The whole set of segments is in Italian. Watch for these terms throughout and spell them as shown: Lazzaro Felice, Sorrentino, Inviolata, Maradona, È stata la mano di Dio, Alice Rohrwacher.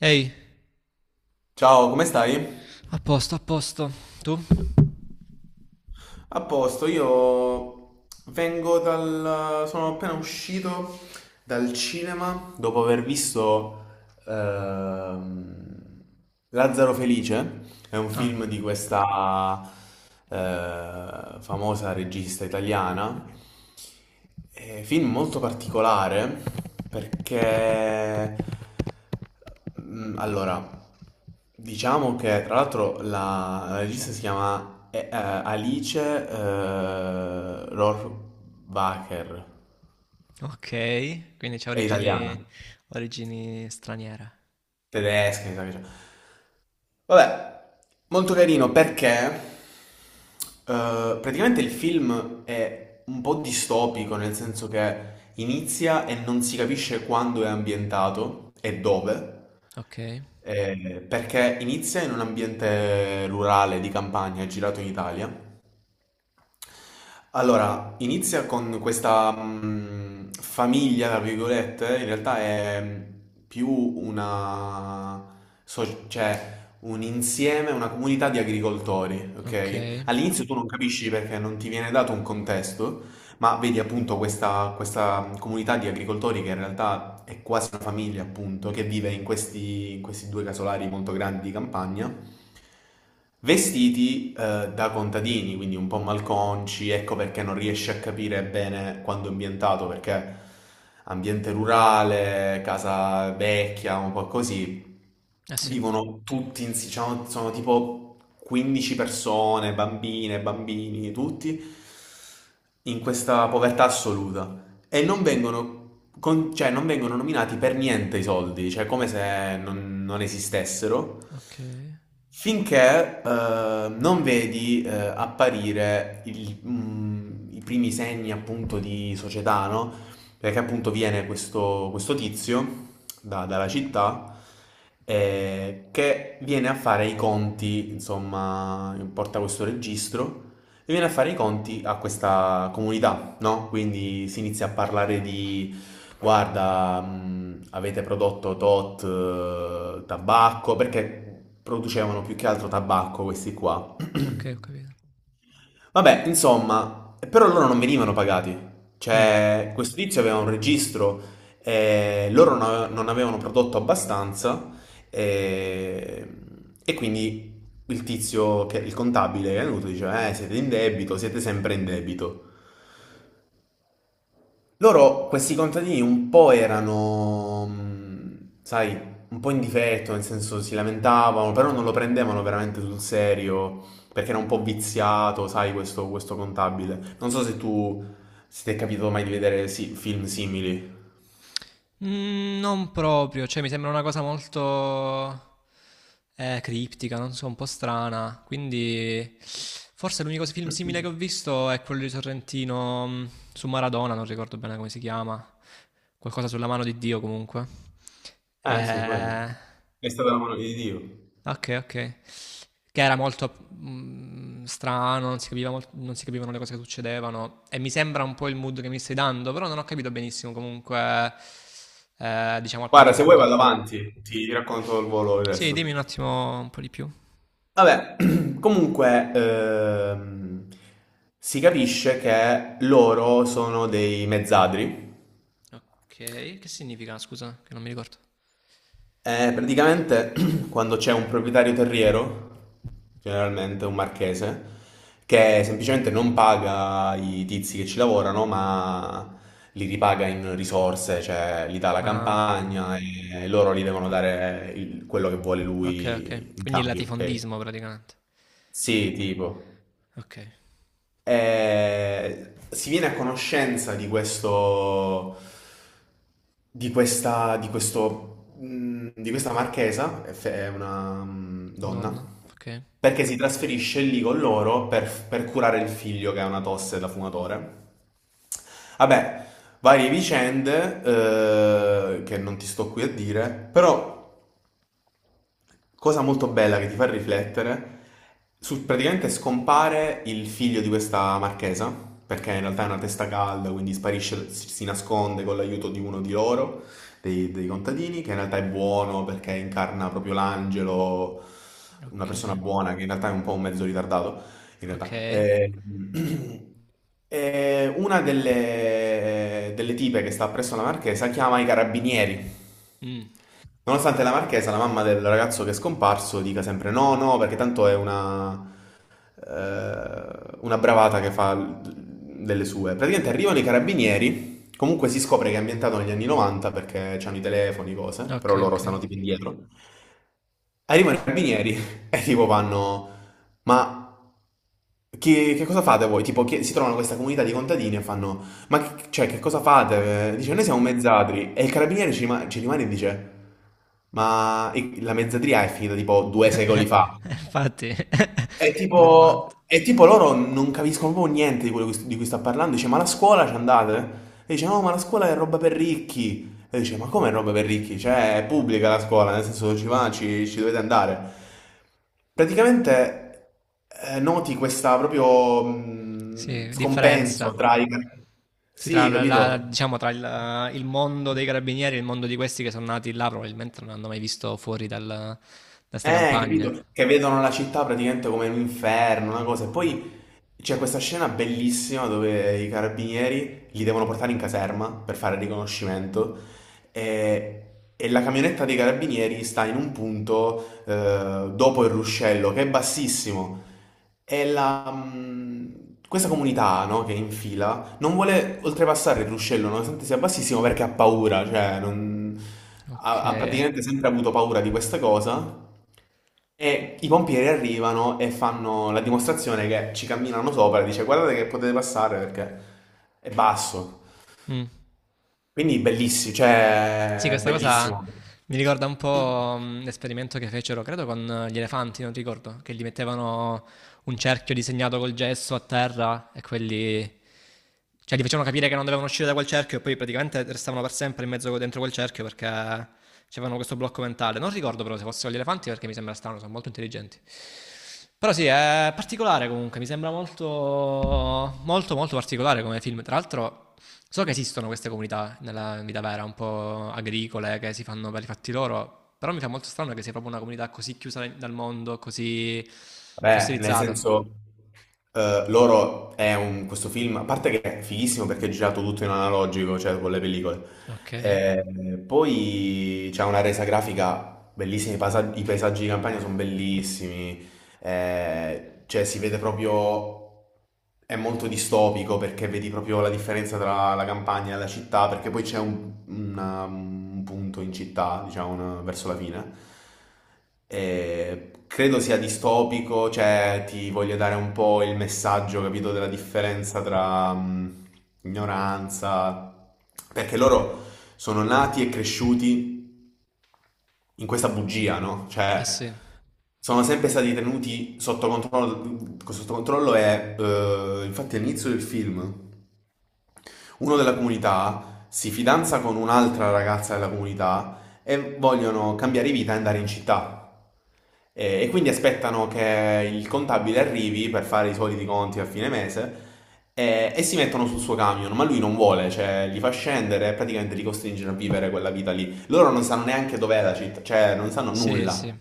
Ehi, Ciao, come stai? a posto, a posto. Tu? A posto, io vengo dal... sono appena uscito dal cinema dopo aver visto ehm, Lazzaro Felice, è un Ah, film di questa famosa regista italiana, è un film molto particolare perché Allora, diciamo che tra l'altro la regista si chiama Alice Rohrwacher, ok. Quindi c'ha è origini, italiana, origini straniere. tedesca, mi sa che c'è. Vabbè, molto carino perché praticamente il film è un po' distopico, nel senso che inizia e non si capisce quando è ambientato e dove. Ok, Perché inizia in un ambiente rurale di campagna, è girato in Italia. Allora, inizia con questa famiglia, tra virgolette, in realtà è più una, cioè un insieme, una comunità di agricoltori, ok. ok? Eh All'inizio tu non capisci perché non ti viene dato un contesto, ma vedi appunto questa comunità di agricoltori che in realtà è quasi una famiglia, appunto, che vive in questi due casolari molto grandi di campagna, vestiti da contadini, quindi un po' malconci, ecco perché non riesci a capire bene quando è ambientato, perché ambiente rurale, casa vecchia, un po' così. sì, Vivono tutti, diciamo, sono tipo 15 persone, bambine, bambini, tutti in questa povertà assoluta e non vengono, cioè, non vengono nominati per niente i soldi, cioè come se non esistessero, ok, finché non vedi apparire i primi segni appunto di società, no? Perché appunto viene questo tizio dalla città che viene a fare i conti, insomma, porta questo registro e viene a fare i conti a questa comunità, no? Quindi si inizia a parlare di, guarda, avete prodotto tot tabacco, perché producevano più che altro tabacco questi qua. ok, ho capito. Vabbè, insomma, però loro non venivano pagati. Mm. Cioè, questo tizio aveva un registro, loro non avevano prodotto abbastanza eh, e quindi il tizio, il contabile che è venuto, diceva, siete in debito, siete sempre in debito. Loro, questi contadini, un po' erano, sai, un po' in difetto, nel senso si lamentavano, però non lo prendevano veramente sul serio, perché era un po' viziato, sai, questo contabile. Non so se tu, se ti è capitato mai di vedere film simili. Mm, non proprio, cioè mi sembra una cosa molto criptica, non so, un po' strana. Quindi forse l'unico film simile che ho visto è quello di Sorrentino su Maradona, non ricordo bene come si chiama. Qualcosa sulla mano di Dio comunque. Eh sì, Eh... quello. È stata la mano di Dio. Okay, okay. Che era molto, strano, non si capivano le cose che succedevano e mi sembra un po' il mood che mi stai dando, però non ho capito benissimo comunque, diciamo appunto Guarda, il se vuoi mood del vado film. avanti, ti racconto al volo il Sì, dimmi resto. un attimo un po' di più. Vabbè, comunque si capisce che loro sono dei mezzadri Okay, che significa scusa? Che non mi ricordo. e praticamente quando c'è un proprietario terriero, generalmente un marchese, che semplicemente non paga i tizi che ci lavorano, ma li ripaga in risorse, cioè gli dà la Ah, campagna e loro gli devono dare quello che vuole okay, okay. lui in Quindi il cambio, ok? latifondismo praticamente. Sì, tipo. Okay. Eh, si viene a conoscenza di questo, di questo, di questa marchesa, è è una donna, Madonna, okay, perché si trasferisce lì con loro per curare il figlio che ha una tosse da fumatore. Vabbè, varie vicende che non ti sto qui a dire, però cosa molto bella che ti fa riflettere, praticamente scompare il figlio di questa marchesa, perché in realtà è una testa calda, quindi sparisce, si nasconde con l'aiuto di uno di loro, dei contadini, che in realtà è buono perché incarna proprio l'angelo, una persona okay, buona che in realtà è un po' un mezzo ritardato, in realtà. okay. Una delle tipe che sta presso la marchesa chiama i carabinieri. Mh, Nonostante la marchesa, la mamma del ragazzo che è scomparso, dica sempre no, no, perché tanto è una bravata che fa delle sue. Praticamente arrivano i carabinieri, comunque si scopre che è ambientato negli anni 90 perché c'hanno i telefoni, cose, però okay, loro okay. stanno tipo indietro. Arrivano i carabinieri e tipo vanno, ma che cosa fate voi? Tipo, si trovano questa comunità di contadini e fanno: Ma che, cioè, che cosa fate? Dice: Eh Noi sì. siamo mezzadri. E il carabiniere ci rimane e dice: Ma la mezzadria è finita tipo due secoli fa. Infatti andiamo avanti. È tipo loro non capiscono proprio niente di quello di cui sta parlando. Dice, ma la scuola ci andate? E dice, no, ma la scuola è roba per ricchi. E dice, ma come è roba per ricchi? Cioè, è pubblica la scuola, nel senso ci va, ci dovete andare. Praticamente noti questa proprio Sì, scompenso differenza. tra i... Sì, Sì, capito? diciamo, tra il mondo dei carabinieri e il mondo di questi che sono nati là, probabilmente non hanno mai visto fuori da queste Capito? campagne. Che vedono la città praticamente come un inferno, una cosa. E poi c'è questa scena bellissima dove i carabinieri li devono portare in caserma per fare il riconoscimento e, e la camionetta dei carabinieri sta in un punto dopo il ruscello, che è bassissimo. E la, questa comunità, no, che è in fila non vuole oltrepassare il ruscello nonostante sia bassissimo perché ha paura, ha, Ok. ha praticamente sempre avuto paura di questa cosa. E i pompieri arrivano e fanno la dimostrazione che ci camminano sopra e dice guardate che potete passare perché è basso. Mm. Quindi bellissimo, Sì, cioè questa cosa bellissimo. mi ricorda un po' l'esperimento che fecero, credo, con gli elefanti, non ricordo, che gli mettevano un cerchio disegnato col gesso a terra e quelli... Cioè, gli facevano capire che non dovevano uscire da quel cerchio e poi praticamente restavano per sempre in mezzo dentro quel cerchio perché avevano questo blocco mentale. Non ricordo però se fossero gli elefanti perché mi sembra strano, sono molto intelligenti. Però sì, è particolare comunque, mi sembra molto, molto, molto particolare come film. Tra l'altro, so che esistono queste comunità nella vita vera, un po' agricole, che si fanno per i fatti loro, però mi fa molto strano che sia proprio una comunità così chiusa dal mondo, così Beh, nel fossilizzata. senso, loro è un, questo film, a parte che è fighissimo perché è girato tutto in analogico, cioè con le pellicole. Ok, eh Poi c'è una resa grafica bellissima, i paesaggi di campagna sono bellissimi, cioè si vede proprio, è molto distopico perché vedi proprio la differenza tra la campagna e la città, perché poi c'è un punto in città, diciamo, verso la fine. E credo sia distopico, cioè ti voglio dare un po' il messaggio, capito, della differenza tra ignoranza, perché loro sono nati e cresciuti in questa bugia, no? Cioè, sì, sono sempre stati tenuti sotto controllo e infatti all'inizio del film uno della comunità si fidanza con un'altra ragazza della comunità e vogliono cambiare vita e andare in città. E quindi aspettano che il contabile arrivi per fare i soliti conti a fine mese e si mettono sul suo camion, ma lui non vuole, cioè li fa scendere e praticamente li costringe a vivere quella vita lì. Loro non sanno neanche dov'è la città, cioè non sanno sì, sì. nulla.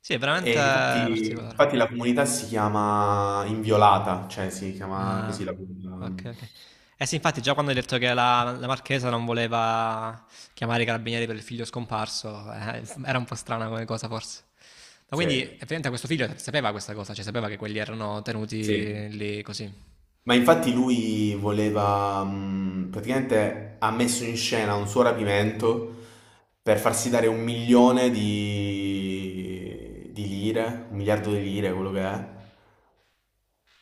Sì, è veramente E infatti, particolare. infatti la comunità si chiama Inviolata, cioè si chiama così Ah, la ok, comunità. ok. Eh sì, infatti già quando hai detto che la Marchesa non voleva chiamare i carabinieri per il figlio scomparso, era un po' strana come cosa forse. Ma Sì. quindi effettivamente questo figlio sapeva questa cosa, cioè sapeva che quelli erano Sì, tenuti lì così. ma infatti lui voleva, praticamente ha messo in scena un suo rapimento per farsi dare un milione di lire, un miliardo di lire, quello che è,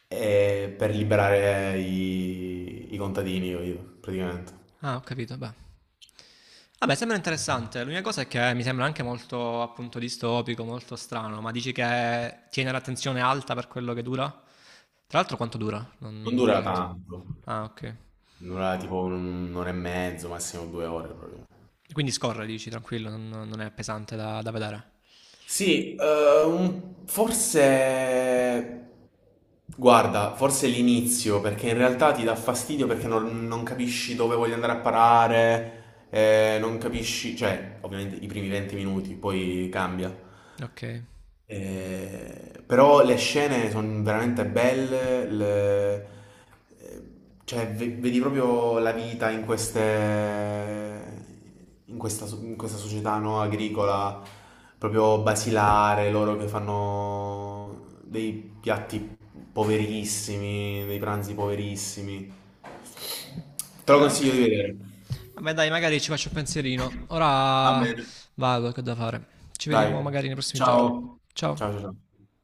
e per liberare i contadini, io, praticamente. Ah, ho capito, beh. Vabbè, sembra interessante. L'unica cosa è che mi sembra anche molto appunto distopico, molto strano, ma dici che tiene l'attenzione alta per quello che dura? Tra l'altro quanto dura? Non, Non non me l'ha dura detto. tanto, Ah, ok. dura tipo un'ora e mezzo, massimo due ore proprio. Quindi scorre, dici, tranquillo, non è pesante da vedere. Sì, forse... Guarda, forse l'inizio, perché in realtà ti dà fastidio perché non capisci dove voglio andare a parare, non capisci... Cioè, ovviamente i primi 20 minuti, poi cambia. Ok. Però le scene sono veramente belle, eh, cioè vedi proprio la vita in queste, in questa, in questa società no, agricola, proprio basilare, loro che fanno dei piatti poverissimi, dei pranzi poverissimi. Te lo Ah, consiglio di ok. vedere. Vabbè, dai, magari ci faccio un pensierino. Va Ora bene. vado, che ho da fare. Ci Dai, vediamo magari nei prossimi giorni. ciao. Ciao, Ciao. ciao. Ciao.